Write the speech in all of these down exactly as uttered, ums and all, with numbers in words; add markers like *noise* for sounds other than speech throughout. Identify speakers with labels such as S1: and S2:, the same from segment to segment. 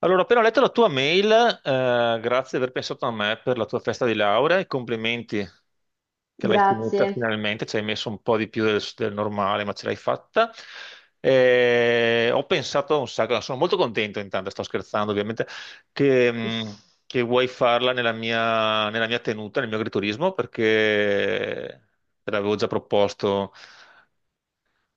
S1: Allora, ho appena letto la tua mail, eh, grazie di aver pensato a me per la tua festa di laurea e complimenti che l'hai finita
S2: Grazie.
S1: finalmente, ci hai messo un po' di più del, del normale, ma ce l'hai fatta. Eh, ho pensato un sacco, sono molto contento intanto, sto scherzando ovviamente, che, mh, che vuoi farla nella mia, nella mia tenuta, nel mio agriturismo, perché te l'avevo già proposto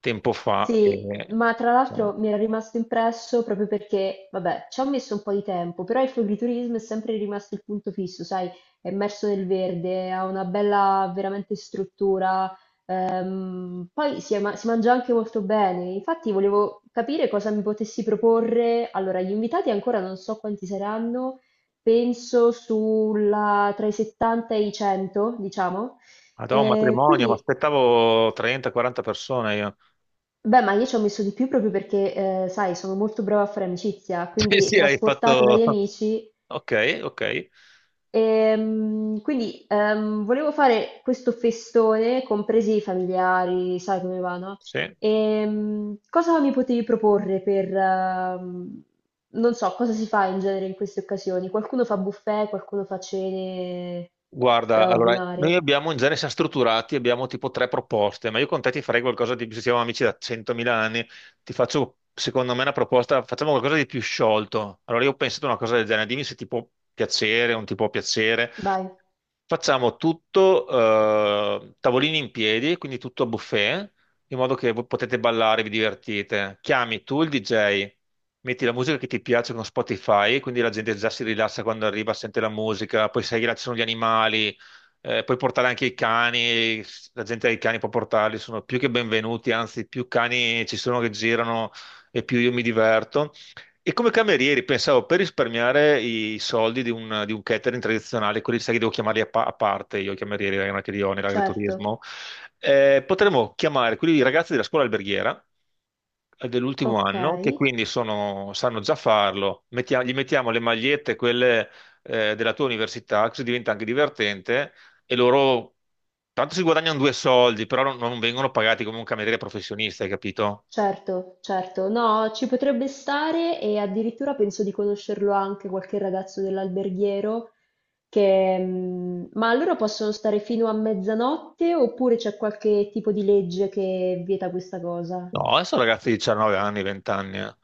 S1: tempo fa. E...
S2: Sì, ma tra l'altro mi era rimasto impresso proprio perché, vabbè, ci ho messo un po' di tempo, però il floriturismo è sempre rimasto il punto fisso, sai, è immerso nel verde, ha una bella veramente struttura, ehm, poi si, è ma- si mangia anche molto bene. Infatti volevo capire cosa mi potessi proporre. Allora, gli invitati ancora non so quanti saranno, penso sulla, tra i settanta e i cento, diciamo.
S1: Madonna, un
S2: E
S1: matrimonio, ma
S2: quindi
S1: aspettavo trenta quaranta persone, io.
S2: beh, ma io ci ho messo di più proprio perché, ehm, sai, sono molto brava a fare amicizia,
S1: *laughs* Sì,
S2: quindi
S1: sì, hai
S2: trasportata
S1: fatto.
S2: dagli
S1: *laughs*
S2: amici.
S1: Ok, ok.
S2: Ehm, quindi ehm, volevo fare questo festone, compresi i familiari, sai come va, no?
S1: Sì.
S2: Ehm, cosa mi potevi proporre per, ehm, non so, cosa si fa in genere in queste occasioni? Qualcuno fa buffet, qualcuno fa cene
S1: Guarda, allora, noi
S2: straordinarie.
S1: abbiamo, in genere siamo strutturati, abbiamo tipo tre proposte, ma io con te ti farei qualcosa di più, se siamo amici da centomila anni, ti faccio, secondo me, una proposta, facciamo qualcosa di più sciolto. Allora, io ho pensato a una cosa del genere, dimmi se ti può piacere, o non ti può piacere.
S2: Vai,
S1: Facciamo tutto, eh, tavolini in piedi, quindi tutto a buffet, in modo che voi potete ballare, vi divertite. Chiami tu il D J, metti la musica che ti piace con Spotify, quindi la gente già si rilassa quando arriva, sente la musica, poi sai che là ci sono gli animali, eh, puoi portare anche i cani, la gente ha i cani può portarli, sono più che benvenuti, anzi più cani ci sono che girano e più io mi diverto. E come camerieri pensavo per risparmiare i soldi di un, di un catering tradizionale, quelli sai che devo chiamarli a, pa- a parte, io i camerieri, non è che li ho
S2: certo.
S1: nell'agriturismo, eh, potremmo chiamare quelli ragazzi della scuola alberghiera eh, dell'ultimo
S2: Ok.
S1: anno, che quindi sono- sanno già farlo. Mettia- gli mettiamo le magliette, quelle eh, della tua università, così diventa anche divertente e loro tanto si guadagnano due soldi, però non, non vengono pagati come un cameriere professionista, hai capito?
S2: Certo, certo. No, ci potrebbe stare e addirittura penso di conoscerlo anche qualche ragazzo dell'alberghiero che... mm, ma allora possono stare fino a mezzanotte oppure c'è qualche tipo di legge che vieta questa cosa?
S1: No, adesso ragazzi di diciannove anni, venti anni, eh.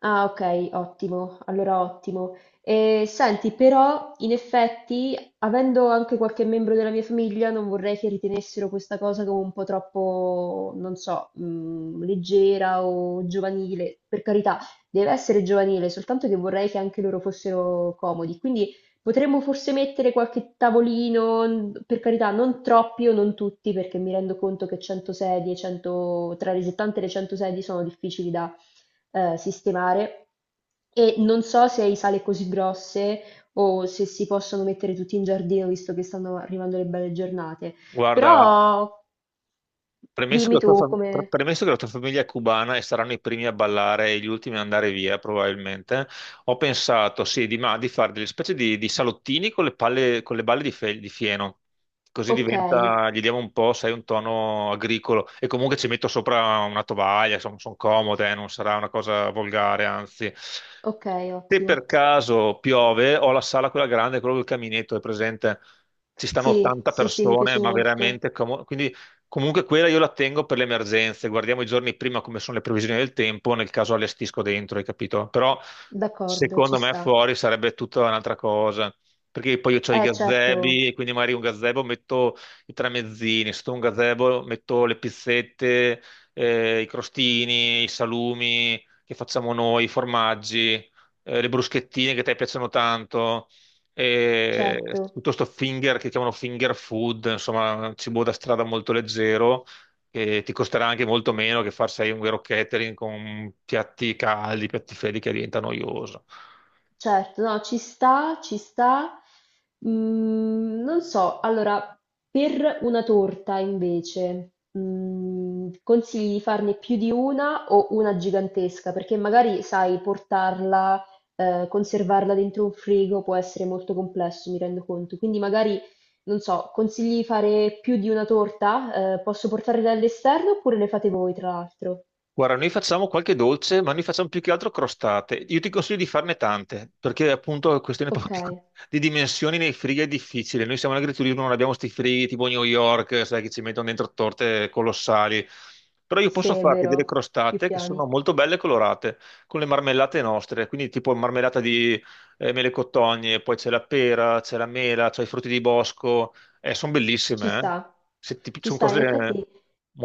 S2: Ah, ok, ottimo, allora ottimo. E, senti, però, in effetti, avendo anche qualche membro della mia famiglia, non vorrei che ritenessero questa cosa come un po' troppo, non so, mh, leggera o giovanile. Per carità, deve essere giovanile, soltanto che vorrei che anche loro fossero comodi. Quindi potremmo forse mettere qualche tavolino, n- per carità, non troppi o non tutti, perché mi rendo conto che cento sedie, cento, tra le settanta e le cento sedie sono difficili da eh, sistemare e non so se hai sale così grosse o se si possono mettere tutti in giardino visto che stanno arrivando le belle giornate,
S1: Guarda.
S2: però
S1: Premesso che
S2: dimmi
S1: la
S2: tu
S1: tua, fam-
S2: come...
S1: pre- premesso che la tua famiglia è cubana e saranno i primi a ballare e gli ultimi ad andare via, probabilmente, ho pensato sì, di, ma- di fare delle specie di, di salottini con le palle- con le balle di, fe- di fieno. Così
S2: Ok,
S1: diventa, gli diamo un po', sai, un tono agricolo. E comunque ci metto sopra una tovaglia, sono, comode, eh, non sarà una cosa volgare, anzi.
S2: ok,
S1: Se
S2: ottimo.
S1: per caso piove, ho la sala quella grande, quello del caminetto, è presente? Ci stanno
S2: Sì,
S1: ottanta
S2: sì, sì, mi
S1: persone,
S2: piace
S1: ma
S2: molto.
S1: veramente comodo. Comunque quella io la tengo per le emergenze, guardiamo i giorni prima come sono le previsioni del tempo, nel caso allestisco dentro, hai capito? Però
S2: D'accordo, ci
S1: secondo me
S2: sta.
S1: fuori sarebbe tutta un'altra cosa, perché poi io ho i
S2: Eh,
S1: gazebi
S2: certo,
S1: e quindi magari un gazebo metto i tramezzini, sotto un gazebo metto le pizzette, eh, i crostini, i salumi che facciamo noi, i formaggi, eh, le bruschettine che a te piacciono tanto e
S2: certo.
S1: tutto sto finger che chiamano finger food, insomma, cibo da strada molto leggero, che ti costerà anche molto meno che farsi un vero catering con piatti caldi, piatti freddi che diventa noioso.
S2: Certo, no, ci sta, ci sta. Mm, non so, allora, per una torta invece, mm, consigli di farne più di una o una gigantesca? Perché magari, sai, portarla, eh, conservarla dentro un frigo può essere molto complesso, mi rendo conto. Quindi magari, non so, consigli di fare più di una torta? Eh, posso portarle dall'esterno oppure le fate voi, tra l'altro?
S1: Guarda, noi facciamo qualche dolce, ma noi facciamo più che altro crostate. Io ti consiglio di farne tante, perché appunto è questione *laughs* proprio
S2: Ok,
S1: di di dimensioni nei frighi è difficile. Noi siamo in agriturismo, non abbiamo sti frighi tipo New York, sai, che ci mettono dentro torte colossali. Però io
S2: sì,
S1: posso
S2: è
S1: farti delle
S2: vero, più
S1: crostate che sono
S2: piani.
S1: molto belle e colorate, con le marmellate nostre, quindi tipo marmellata di eh, mele cotogne, poi c'è la pera, c'è la mela, c'è i frutti di bosco. Sono
S2: Ci
S1: bellissime, eh?
S2: sta,
S1: Se ti-
S2: ci
S1: Sono
S2: sta. In
S1: cose
S2: effetti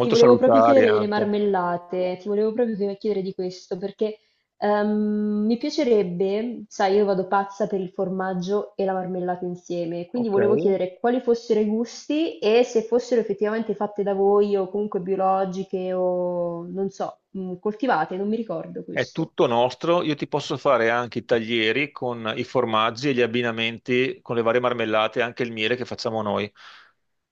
S2: ti volevo proprio
S1: salutari
S2: chiedere delle
S1: anche.
S2: marmellate, ti volevo proprio chied- chiedere di questo, perché ehm, mi piacerebbe, sai, io vado pazza per il formaggio e la marmellata insieme, quindi
S1: Ok.
S2: volevo chiedere quali fossero i gusti e se fossero effettivamente fatte da voi o comunque biologiche o non so, mh, coltivate, non mi ricordo
S1: È
S2: questo.
S1: tutto nostro, io ti posso fare anche i taglieri con i formaggi e gli abbinamenti con le varie marmellate, e anche il miele che facciamo noi,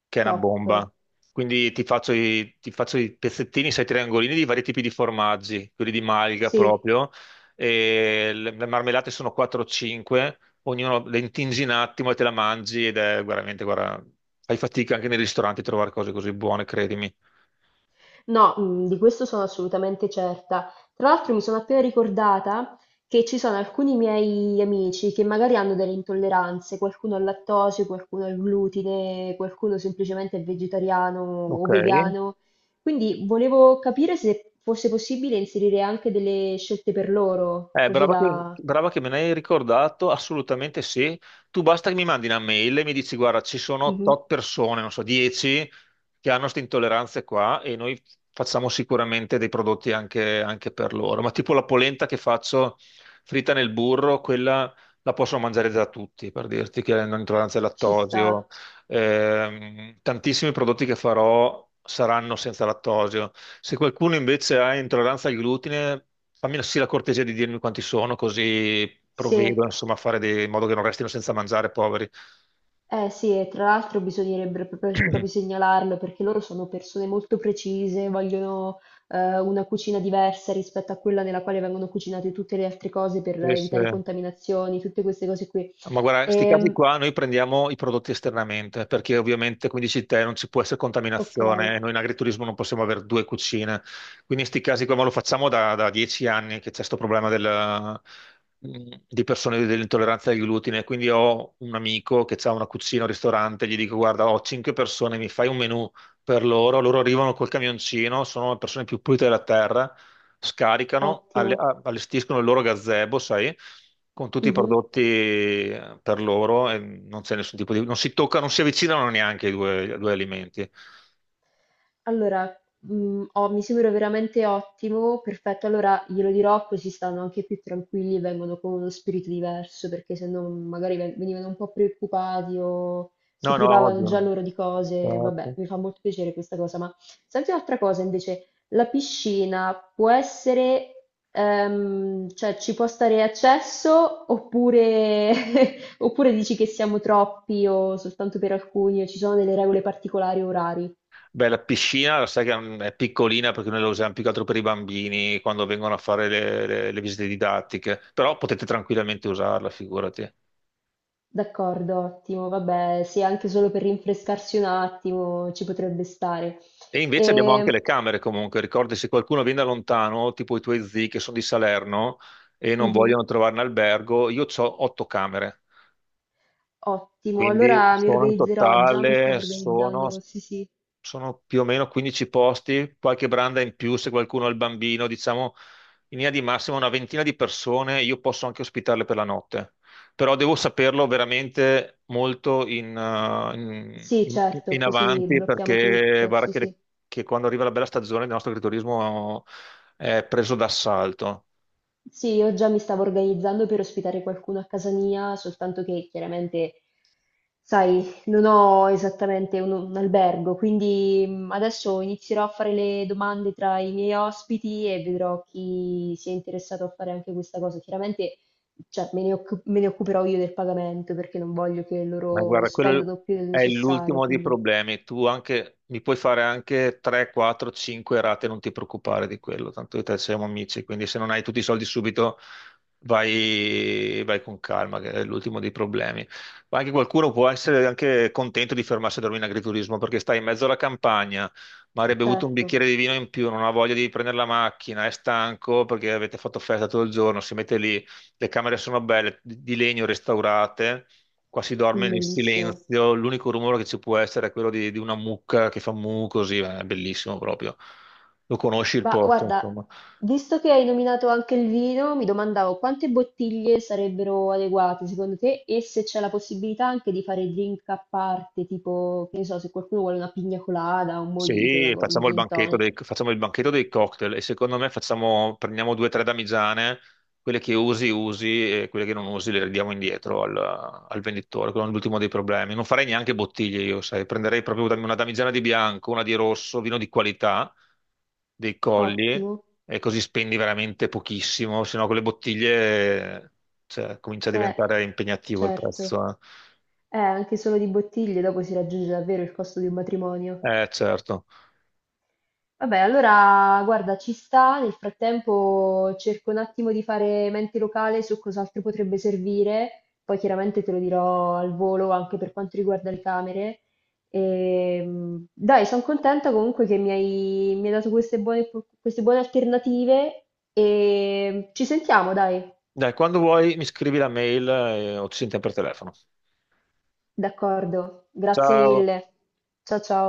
S1: che è una
S2: Top.
S1: bomba. Quindi ti faccio i, ti faccio i pezzettini, sai, triangolini di vari tipi di formaggi, quelli di malga
S2: Sì.
S1: proprio, e le, le marmellate sono quattro o cinque, ognuno le intingi un attimo e te la mangi ed è veramente, guarda, fai fatica anche nei ristoranti a trovare cose così buone, credimi.
S2: No, mh, di questo sono assolutamente certa. Tra l'altro mi sono appena ricordata che ci sono alcuni miei amici che magari hanno delle intolleranze, qualcuno al lattosio, qualcuno al glutine, qualcuno semplicemente è vegetariano
S1: Ok.
S2: o vegano. Quindi volevo capire se fosse possibile inserire anche delle scelte per loro,
S1: Eh,
S2: così
S1: brava che,
S2: da...
S1: brava che me ne hai ricordato, assolutamente sì. Tu basta che mi mandi una mail e mi dici, guarda, ci sono
S2: Mhm,
S1: tot persone, non so, dieci che hanno queste intolleranze qua e noi facciamo sicuramente dei prodotti anche, anche per loro. Ma tipo la polenta che faccio fritta nel burro, quella la possono mangiare già tutti, per dirti che hanno intolleranza al
S2: ci
S1: lattosio.
S2: sta.
S1: Ehm, tantissimi prodotti che farò saranno senza lattosio. Se qualcuno invece ha intolleranza al glutine, fammi sì la cortesia di dirmi quanti sono, così provvedo,
S2: Sì.
S1: insomma, a fare dei- in modo che non restino senza mangiare, poveri.
S2: Eh sì, e tra l'altro bisognerebbe proprio, proprio
S1: *clears throat*
S2: segnalarlo perché loro sono persone molto precise, vogliono eh, una cucina diversa rispetto a quella nella quale vengono cucinate tutte le altre cose per
S1: Sì, sì.
S2: evitare contaminazioni, tutte queste cose qui.
S1: Ma guarda, sti casi
S2: Ehm,
S1: qua noi prendiamo i prodotti esternamente, perché ovviamente, come dici te, non ci può essere
S2: ok,
S1: contaminazione, e noi in agriturismo non possiamo avere due cucine. Quindi in sti casi qua, ma lo facciamo da, da dieci anni che c'è questo problema del- mh, di persone dell'intolleranza al glutine. Quindi ho un amico che ha una cucina, un ristorante, gli dico, guarda, ho cinque persone, mi fai un menù per loro, loro arrivano col camioncino, sono le persone più pulite della terra, scaricano,
S2: ottimo.
S1: alle- a- allestiscono il loro gazebo, sai, con tutti i
S2: Mhm.
S1: prodotti eh, per loro e non c'è nessun tipo di. Non si toccano, non si avvicinano neanche i due, i due alimenti.
S2: Allora, mhmm, ho mi sembra veramente ottimo, perfetto, allora glielo dirò così stanno anche più tranquilli e vengono con uno spirito diverso, perché se no magari ve venivano un po' preoccupati o si
S1: No, no,
S2: privavano già
S1: odio.
S2: loro di cose. Vabbè,
S1: Esatto.
S2: mi fa molto piacere questa cosa, ma senti un'altra cosa invece, la piscina può essere, ehm, cioè ci può stare accesso oppure *laughs* oppure dici che siamo troppi o soltanto per alcuni o ci sono delle regole particolari o orari?
S1: Beh, la piscina, sai che è piccolina perché noi la usiamo più che altro per i bambini quando vengono a fare le, le- le visite didattiche, però potete tranquillamente usarla, figurati.
S2: D'accordo, ottimo. Vabbè, sì, anche solo per rinfrescarsi un attimo ci potrebbe stare.
S1: E invece abbiamo anche
S2: Ehm,
S1: le camere comunque, ricordi se qualcuno viene da lontano, tipo i tuoi zii che sono di Salerno e non
S2: mhm,
S1: vogliono trovare un albergo, io ho otto camere,
S2: ottimo,
S1: quindi
S2: allora mi
S1: sono in
S2: organizzerò, già mi stavo
S1: totale, sono
S2: organizzando, sì, sì.
S1: sono più o meno quindici posti, qualche branda in più se qualcuno ha il bambino, diciamo in linea di massima una ventina di persone, io posso anche ospitarle per la notte, però devo saperlo veramente molto in, uh, in-
S2: Sì,
S1: in- in
S2: certo, così
S1: avanti
S2: blocchiamo
S1: perché
S2: tutto,
S1: guarda
S2: sì,
S1: che, le-
S2: sì.
S1: che quando arriva la bella stagione il nostro agriturismo è preso d'assalto.
S2: Sì, io già mi stavo organizzando per ospitare qualcuno a casa mia, soltanto che chiaramente, sai, non ho esattamente un, un albergo, quindi mm, adesso inizierò a fare le domande tra i miei ospiti e vedrò chi si è interessato a fare anche questa cosa. Chiaramente, cioè, me ne, occu- me ne occuperò io del pagamento perché non voglio che
S1: Ma
S2: loro
S1: guarda, quello
S2: spendano più del
S1: è
S2: necessario,
S1: l'ultimo dei
S2: quindi
S1: problemi. Tu anche, mi puoi fare anche tre, quattro, cinque rate, non ti preoccupare di quello, tanto io e te siamo amici, quindi se non hai tutti i soldi subito vai, vai con calma, che è l'ultimo dei problemi. Ma anche qualcuno può essere anche contento di fermarsi a dormire in agriturismo perché stai in mezzo alla campagna, magari hai bevuto un
S2: certo,
S1: bicchiere di vino in più, non ha voglia di prendere la macchina, è stanco perché avete fatto festa tutto il giorno, si mette lì, le camere sono belle, di di legno restaurate. Qua si dorme
S2: mm,
S1: nel
S2: bellissimo.
S1: silenzio, l'unico rumore che ci può essere è quello di, di una mucca che fa mu così, è bellissimo proprio. Lo conosci il
S2: Ma
S1: posto?
S2: guarda, visto che hai nominato anche il vino, mi domandavo quante bottiglie sarebbero adeguate secondo te e se c'è la possibilità anche di fare drink a parte, tipo, che ne so, se qualcuno vuole una pigna colada, un mojito, una,
S1: Sì,
S2: un
S1: facciamo il
S2: gin
S1: banchetto dei,
S2: tonic.
S1: facciamo il banchetto dei cocktail e secondo me facciamo, prendiamo due o tre damigiane, quelle che usi usi e quelle che non usi le ridiamo indietro al, al venditore, quello è l'ultimo dei problemi. Non farei neanche bottiglie io, sai, prenderei proprio una damigiana di bianco, una di rosso, vino di qualità, dei colli
S2: Ottimo.
S1: e così spendi veramente pochissimo, se no con le bottiglie, cioè, comincia a
S2: Eh,
S1: diventare impegnativo il
S2: certo.
S1: prezzo. Eh.
S2: Eh, anche solo di bottiglie dopo si raggiunge davvero il costo di un matrimonio.
S1: Eh, certo.
S2: Vabbè, allora guarda, ci sta. Nel frattempo cerco un attimo di fare mente locale su cos'altro potrebbe servire. Poi chiaramente te lo dirò al volo anche per quanto riguarda le camere. Ehm, dai, sono contenta comunque che mi hai, mi hai dato queste buone, queste buone alternative e ci sentiamo, dai,
S1: Dai, quando vuoi mi scrivi la mail eh, o ci sentiamo per telefono.
S2: d'accordo. Grazie
S1: Ciao.
S2: mille. Ciao ciao.